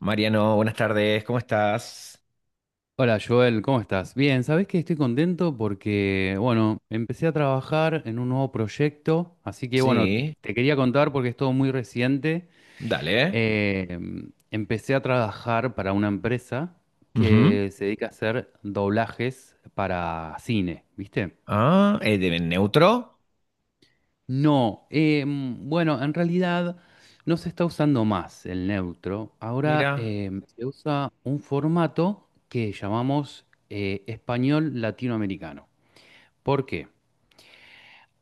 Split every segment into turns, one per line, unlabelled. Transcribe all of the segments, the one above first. Mariano, buenas tardes, ¿cómo estás?
Hola Joel, ¿cómo estás? Bien, sabés que estoy contento porque, bueno, empecé a trabajar en un nuevo proyecto, así que, bueno,
Sí,
te quería contar porque es todo muy reciente.
dale.
Eh, empecé a trabajar para una empresa
Ujú.
que se dedica a hacer doblajes para cine, ¿viste?
Ah, es de neutro,
No, bueno, en realidad no se está usando más el neutro. Ahora
mira.
se usa un formato que llamamos español latinoamericano. ¿Por qué?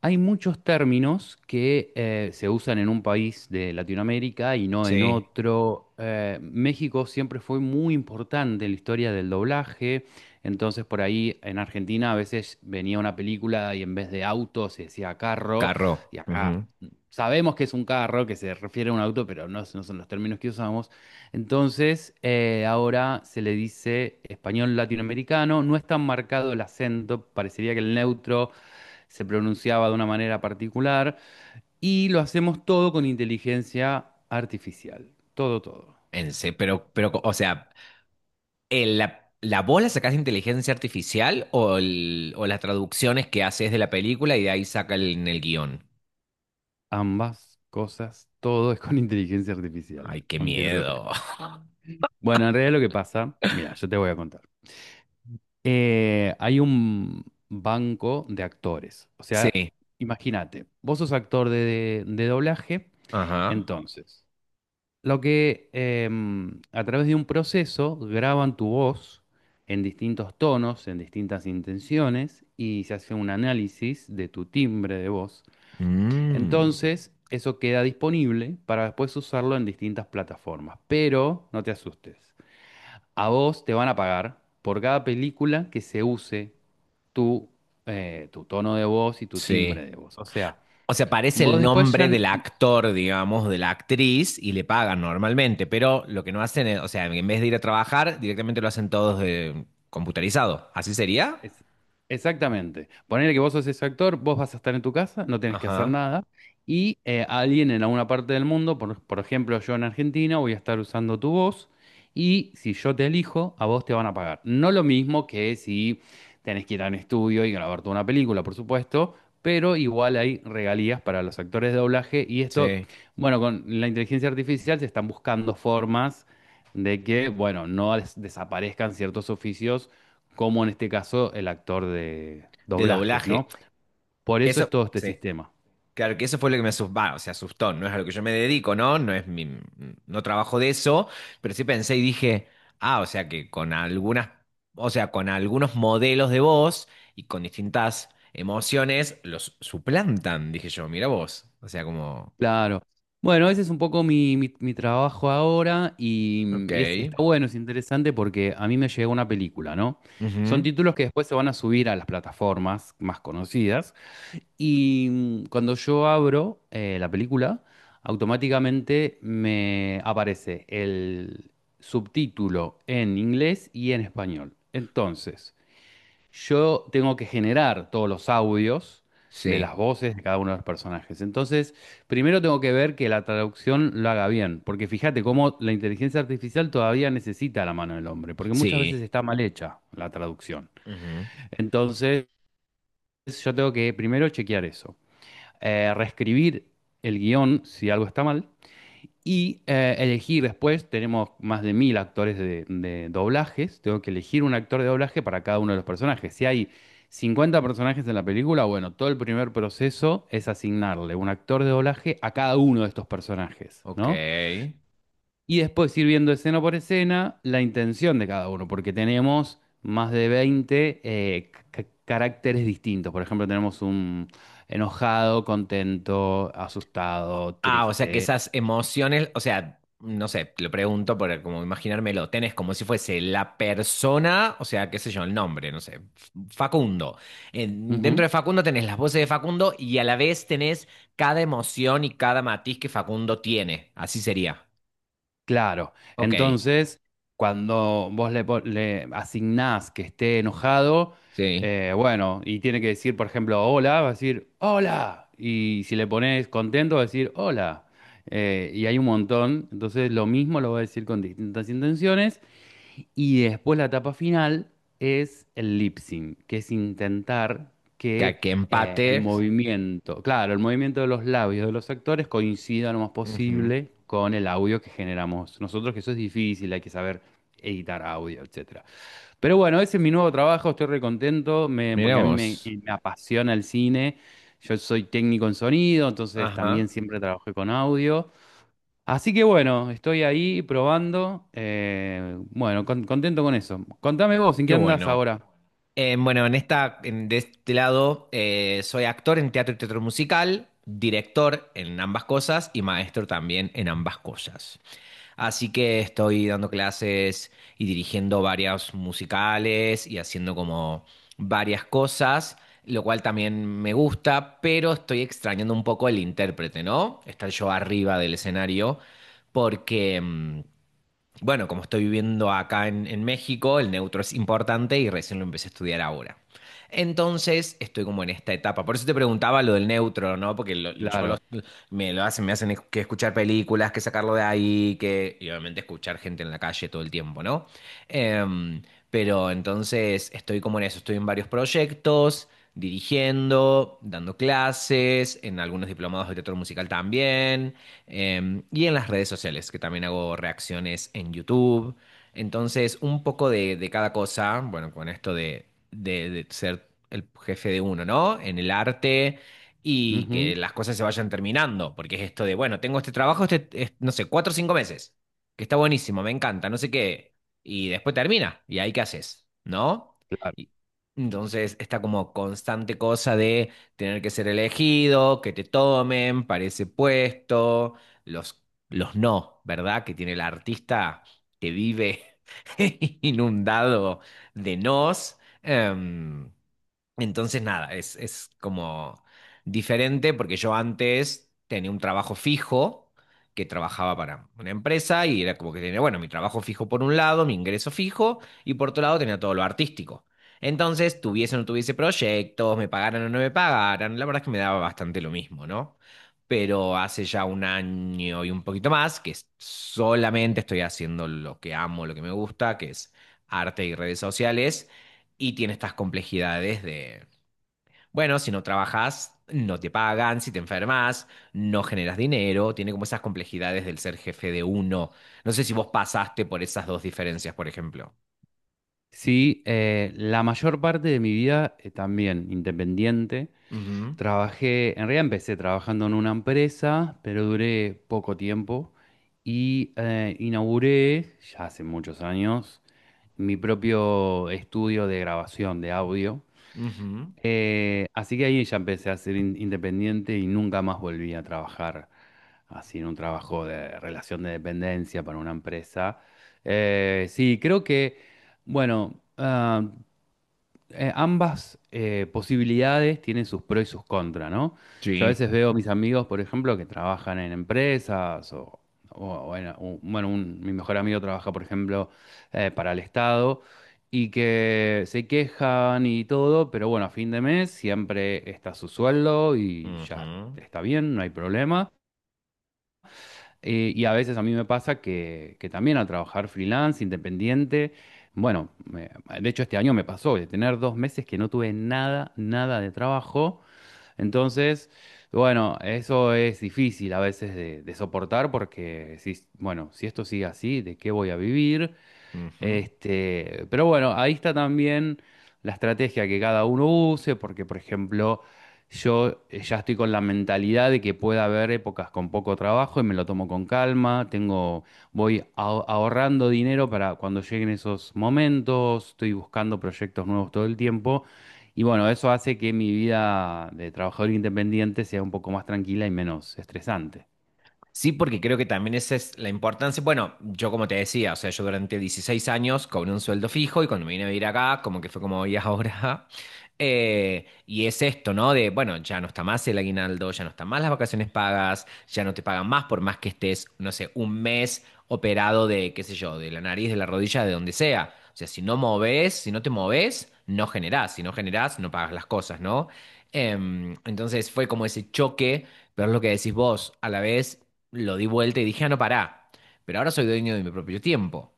Hay muchos términos que se usan en un país de Latinoamérica y no en
Sí,
otro. México siempre fue muy importante en la historia del doblaje, entonces por ahí en Argentina a veces venía una película y en vez de auto se decía carro,
carro.
y acá
Ujú.
sabemos que es un carro, que se refiere a un auto, pero no, no son los términos que usamos. Entonces ahora se le dice español latinoamericano, no es tan marcado el acento, parecería que el neutro se pronunciaba de una manera particular, y lo hacemos todo con inteligencia artificial. Todo, todo.
O sea, la, ¿la voz la sacás de inteligencia artificial o, o las traducciones que haces de la película y de ahí saca el, en el guión?
Ambas cosas, todo es con inteligencia artificial,
Ay, qué
aunque no lo
miedo.
creas. Bueno, en realidad lo que pasa, mira, yo te voy a contar. Hay un banco de actores. O
Sí,
sea, imagínate, vos sos actor de doblaje,
ajá.
entonces. Lo que a través de un proceso graban tu voz en distintos tonos, en distintas intenciones, y se hace un análisis de tu timbre de voz.
Mm,
Entonces, eso queda disponible para después usarlo en distintas plataformas. Pero no te asustes, a vos te van a pagar por cada película que se use tu, tu tono de voz y tu
sí.
timbre de voz. O sea,
O sea, aparece
vos
el
después ya...
nombre del actor, digamos, de la actriz y le pagan normalmente, pero lo que no hacen es, o sea, en vez de ir a trabajar, directamente lo hacen todos computarizado. ¿Así sería?
Es- exactamente. Ponele que vos sos ese actor, vos vas a estar en tu casa, no tenés que hacer
Ajá,
nada, y alguien en alguna parte del mundo, por ejemplo yo en Argentina, voy a estar usando tu voz, y si yo te elijo, a vos te van a pagar. No lo mismo que si tenés que ir a un estudio y grabar toda una película, por supuesto, pero igual hay regalías para los actores de doblaje, y esto,
sí.
bueno, con la inteligencia artificial se están buscando formas de que, bueno, no des- desaparezcan ciertos oficios como en este caso el actor de
De
doblajes,
doblaje.
¿no? Por eso
Eso,
es todo este
sí.
sistema.
Claro que eso fue lo que me asustó, o sea, asustó, no es a lo que yo me dedico, ¿no? No es mi, no trabajo de eso, pero sí pensé y dije, ah, o sea que con algunas, o sea, con algunos modelos de voz y con distintas emociones los suplantan, dije yo, mira vos, o sea, como,
Claro. Bueno, ese es un poco mi, mi trabajo ahora
ok,
y está bueno, es interesante porque a mí me llegó una película, ¿no? Son
ujú,
títulos que después se van a subir a las plataformas más conocidas y cuando yo abro la película, automáticamente me aparece el subtítulo en inglés y en español. Entonces yo tengo que generar todos los audios de
sí,
las voces de cada uno de los personajes. Entonces, primero tengo que ver que la traducción lo haga bien, porque fíjate cómo la inteligencia artificial todavía necesita la mano del hombre, porque muchas veces
sí,
está mal hecha la traducción.
ujú,
Entonces, yo tengo que primero chequear eso. Reescribir el guión si algo está mal y elegir después, tenemos más de 1000 actores de doblajes, tengo que elegir un actor de doblaje para cada uno de los personajes. Si hay 50 personajes en la película, bueno, todo el primer proceso es asignarle un actor de doblaje a cada uno de estos personajes,
ok.
¿no? Y después ir viendo escena por escena la intención de cada uno, porque tenemos más de 20 caracteres distintos. Por ejemplo, tenemos un enojado, contento, asustado,
Ah, o sea que
triste.
esas emociones, o sea, no sé, te lo pregunto para como imaginármelo, tenés como si fuese la persona, o sea, qué sé yo, el nombre, no sé, Facundo. Dentro de Facundo tenés las voces de Facundo y a la vez tenés cada emoción y cada matiz que Facundo tiene. Así sería.
Claro,
Ok,
entonces cuando vos le, le asignás que esté enojado,
sí.
bueno, y tiene que decir, por ejemplo, hola, va a decir, hola, y si le pones contento, va a decir, hola. Y hay un montón, entonces lo mismo lo va a decir con distintas intenciones, y después la etapa final es el lip sync, que es intentar
Que,
que
que empate.
el movimiento, claro, el movimiento de los labios de los actores coincida lo más
Ujú.
posible con el audio que generamos nosotros, que eso es difícil, hay que saber editar audio, etcétera. Pero bueno, ese es mi nuevo trabajo, estoy re contento,
Mira
porque a mí
vos.
me apasiona el cine. Yo soy técnico en sonido, entonces también
Ajá,
siempre trabajé con audio. Así que bueno, estoy ahí probando. Bueno, contento con eso. Contame vos, ¿en
qué
qué andás
bueno.
ahora?
Bueno, en esta, de este lado, soy actor en teatro y teatro musical, director en ambas cosas y maestro también en ambas cosas. Así que estoy dando clases y dirigiendo varios musicales y haciendo como varias cosas, lo cual también me gusta, pero estoy extrañando un poco el intérprete, ¿no? Estar yo arriba del escenario porque... bueno, como estoy viviendo acá en México, el neutro es importante y recién lo empecé a estudiar ahora. Entonces, estoy como en esta etapa. Por eso te preguntaba lo del neutro, ¿no? Porque
Claro.
me lo hacen, me hacen que escuchar películas, que sacarlo de ahí, que, y obviamente escuchar gente en la calle todo el tiempo, ¿no? Em, pero entonces estoy como en eso, estoy en varios proyectos, dirigiendo, dando clases, en algunos diplomados de teatro musical también y en las redes sociales, que también hago reacciones en YouTube. Entonces, un poco de cada cosa, bueno, con esto de, de ser el jefe de uno, ¿no? En el arte y que
Ujú,
las cosas se vayan terminando, porque es esto de, bueno, tengo este trabajo, este, no sé, 4 o 5 meses, que está buenísimo, me encanta, no sé qué, y después termina, y ahí qué haces, ¿no?
claro.
Y- Entonces, esta como constante cosa de tener que ser elegido, que te tomen para ese puesto los, los no, ¿verdad? Que tiene el artista que vive inundado de nos. Em, entonces, nada, es como diferente porque yo antes tenía un trabajo fijo que trabajaba para una empresa y era como que tenía, bueno, mi trabajo fijo por un lado, mi ingreso fijo y por otro lado tenía todo lo artístico. Entonces, tuviese o no tuviese proyectos, me pagaran o no me pagaran, la verdad es que me daba bastante lo mismo, ¿no? Pero hace ya un año y un poquito más que solamente estoy haciendo lo que amo, lo que me gusta, que es arte y redes sociales y tiene estas complejidades, bueno, si no trabajas, no te pagan, si te enfermas, no generas dinero, tiene como esas complejidades del ser jefe de uno. No sé si vos pasaste por esas dos diferencias, por ejemplo.
Sí, la mayor parte de mi vida también independiente.
Ujú,
Trabajé, en realidad empecé trabajando en una empresa, pero duré poco tiempo y inauguré, ya hace muchos años, mi propio estudio de grabación de audio.
ujú,
Así que ahí ya empecé a ser independiente y nunca más volví a trabajar así en un trabajo de relación de dependencia para una empresa. Sí, creo que, bueno, ambas posibilidades tienen sus pros y sus contras, ¿no? Yo a
sí.
veces veo a mis amigos, por ejemplo, que trabajan en empresas o, o bueno, mi mejor amigo trabaja, por ejemplo, para el Estado y que se quejan y todo, pero bueno, a fin de mes siempre está su sueldo y ya
Ujú,
está bien, no hay problema. Y a veces a mí me pasa que también al trabajar freelance, independiente, bueno, de hecho este año me pasó de tener 2 meses que no tuve nada, nada de trabajo. Entonces, bueno, eso es difícil a veces de soportar porque decís, bueno, si esto sigue así, ¿de qué voy a vivir?
ujú.
Este, pero bueno, ahí está también la estrategia que cada uno use, porque por ejemplo, yo ya estoy con la mentalidad de que pueda haber épocas con poco trabajo y me lo tomo con calma, tengo, ahorrando dinero para cuando lleguen esos momentos, estoy buscando proyectos nuevos todo el tiempo y bueno, eso hace que mi vida de trabajador independiente sea un poco más tranquila y menos estresante.
Sí, porque creo que también esa es la importancia. Bueno, yo como te decía, o sea, yo durante 16 años cobré un sueldo fijo y cuando me vine a vivir acá, como que fue como hoy ahora. Y es esto, ¿no? De, bueno, ya no está más el aguinaldo, ya no están más las vacaciones pagas, ya no te pagan más por más que estés, no sé, un mes operado de, qué sé yo, de la nariz, de la rodilla, de donde sea. O sea, si no moves, si no te moves, no generás. Si no generás, no pagas las cosas, ¿no? Entonces fue como ese choque, pero es lo que decís vos, a la vez lo di vuelta y dije, ah, no, pará, pero ahora soy dueño de mi propio tiempo.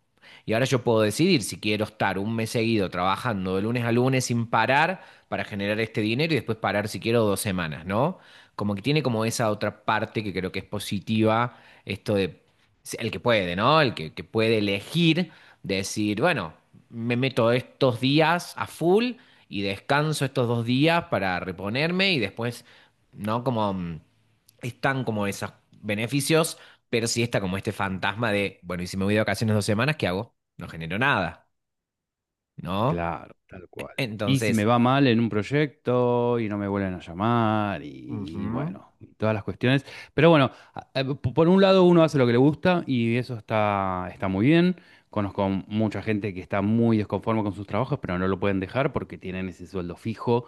Y ahora yo puedo decidir si quiero estar un mes seguido trabajando de lunes a lunes sin parar para generar este dinero y después parar si quiero 2 semanas, ¿no? Como que tiene como esa otra parte que creo que es positiva, esto de el que puede, ¿no? Que puede elegir, decir, bueno, me meto estos días a full y descanso estos 2 días para reponerme y después, ¿no? Como... están como esos beneficios, pero sí está como este fantasma de, bueno, y si me voy de vacaciones 2 semanas, ¿qué hago? No genero nada, ¿no?
Claro, tal cual. Y si me
Entonces,
va mal en un proyecto y no me vuelven a llamar y
ujú.
bueno, y todas las cuestiones. Pero bueno, por un lado uno hace lo que le gusta y eso está, está muy bien. Conozco mucha gente que está muy desconforme con sus trabajos, pero no lo pueden dejar porque tienen ese sueldo fijo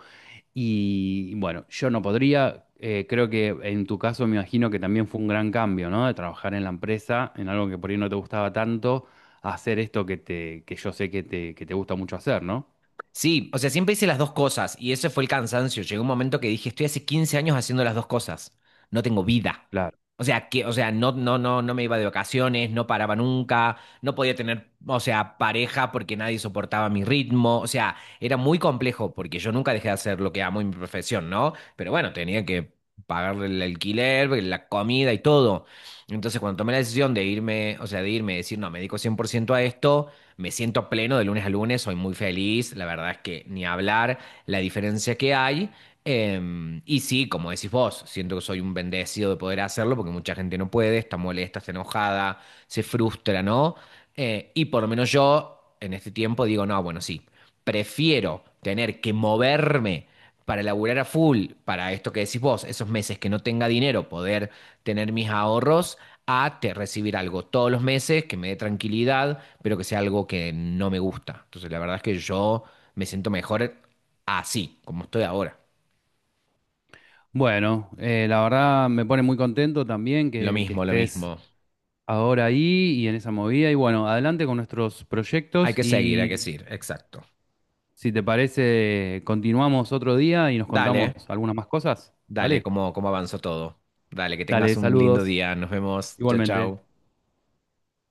y bueno, yo no podría, creo que en tu caso me imagino que también fue un gran cambio, ¿no? De trabajar en la empresa, en algo que por ahí no te gustaba tanto, a hacer esto que te, que yo sé que te gusta mucho hacer, ¿no?
Sí, o sea, siempre hice las dos cosas y ese fue el cansancio. Llegó un momento que dije, estoy hace 15 años haciendo las dos cosas. No tengo vida.
Claro.
O sea, que, o sea, no me iba de vacaciones, no paraba nunca, no podía tener, o sea, pareja porque nadie soportaba mi ritmo. O sea, era muy complejo porque yo nunca dejé de hacer lo que amo y mi profesión, ¿no? Pero bueno, tenía que pagar el alquiler, pues, la comida y todo. Entonces, cuando tomé la decisión de irme, o sea, de irme, decir, no, me dedico 100% a esto. Me siento pleno de lunes a lunes, soy muy feliz, la verdad es que ni hablar la diferencia que hay. Y sí, como decís vos, siento que soy un bendecido de poder hacerlo porque mucha gente no puede, está molesta, está enojada, se frustra, ¿no? Y por lo menos yo en este tiempo digo, no, bueno, sí, prefiero tener que moverme para laburar a full, para esto que decís vos, esos meses que no tenga dinero, poder tener mis ahorros, a recibir algo todos los meses que me dé tranquilidad, pero que sea algo que no me gusta. Entonces, la verdad es que yo me siento mejor así, como estoy ahora.
Bueno, la verdad me pone muy contento también
Lo
que
mismo, lo
estés
mismo.
ahora ahí y en esa movida. Y bueno, adelante con nuestros
Hay
proyectos
que seguir, hay que
y
seguir. Exacto.
si te parece, continuamos otro día y nos contamos
Dale,
algunas más cosas,
dale,
¿vale?
cómo, cómo avanzó todo. Dale, que
Dale,
tengas un lindo
saludos,
día. Nos vemos. Chao,
igualmente.
chao.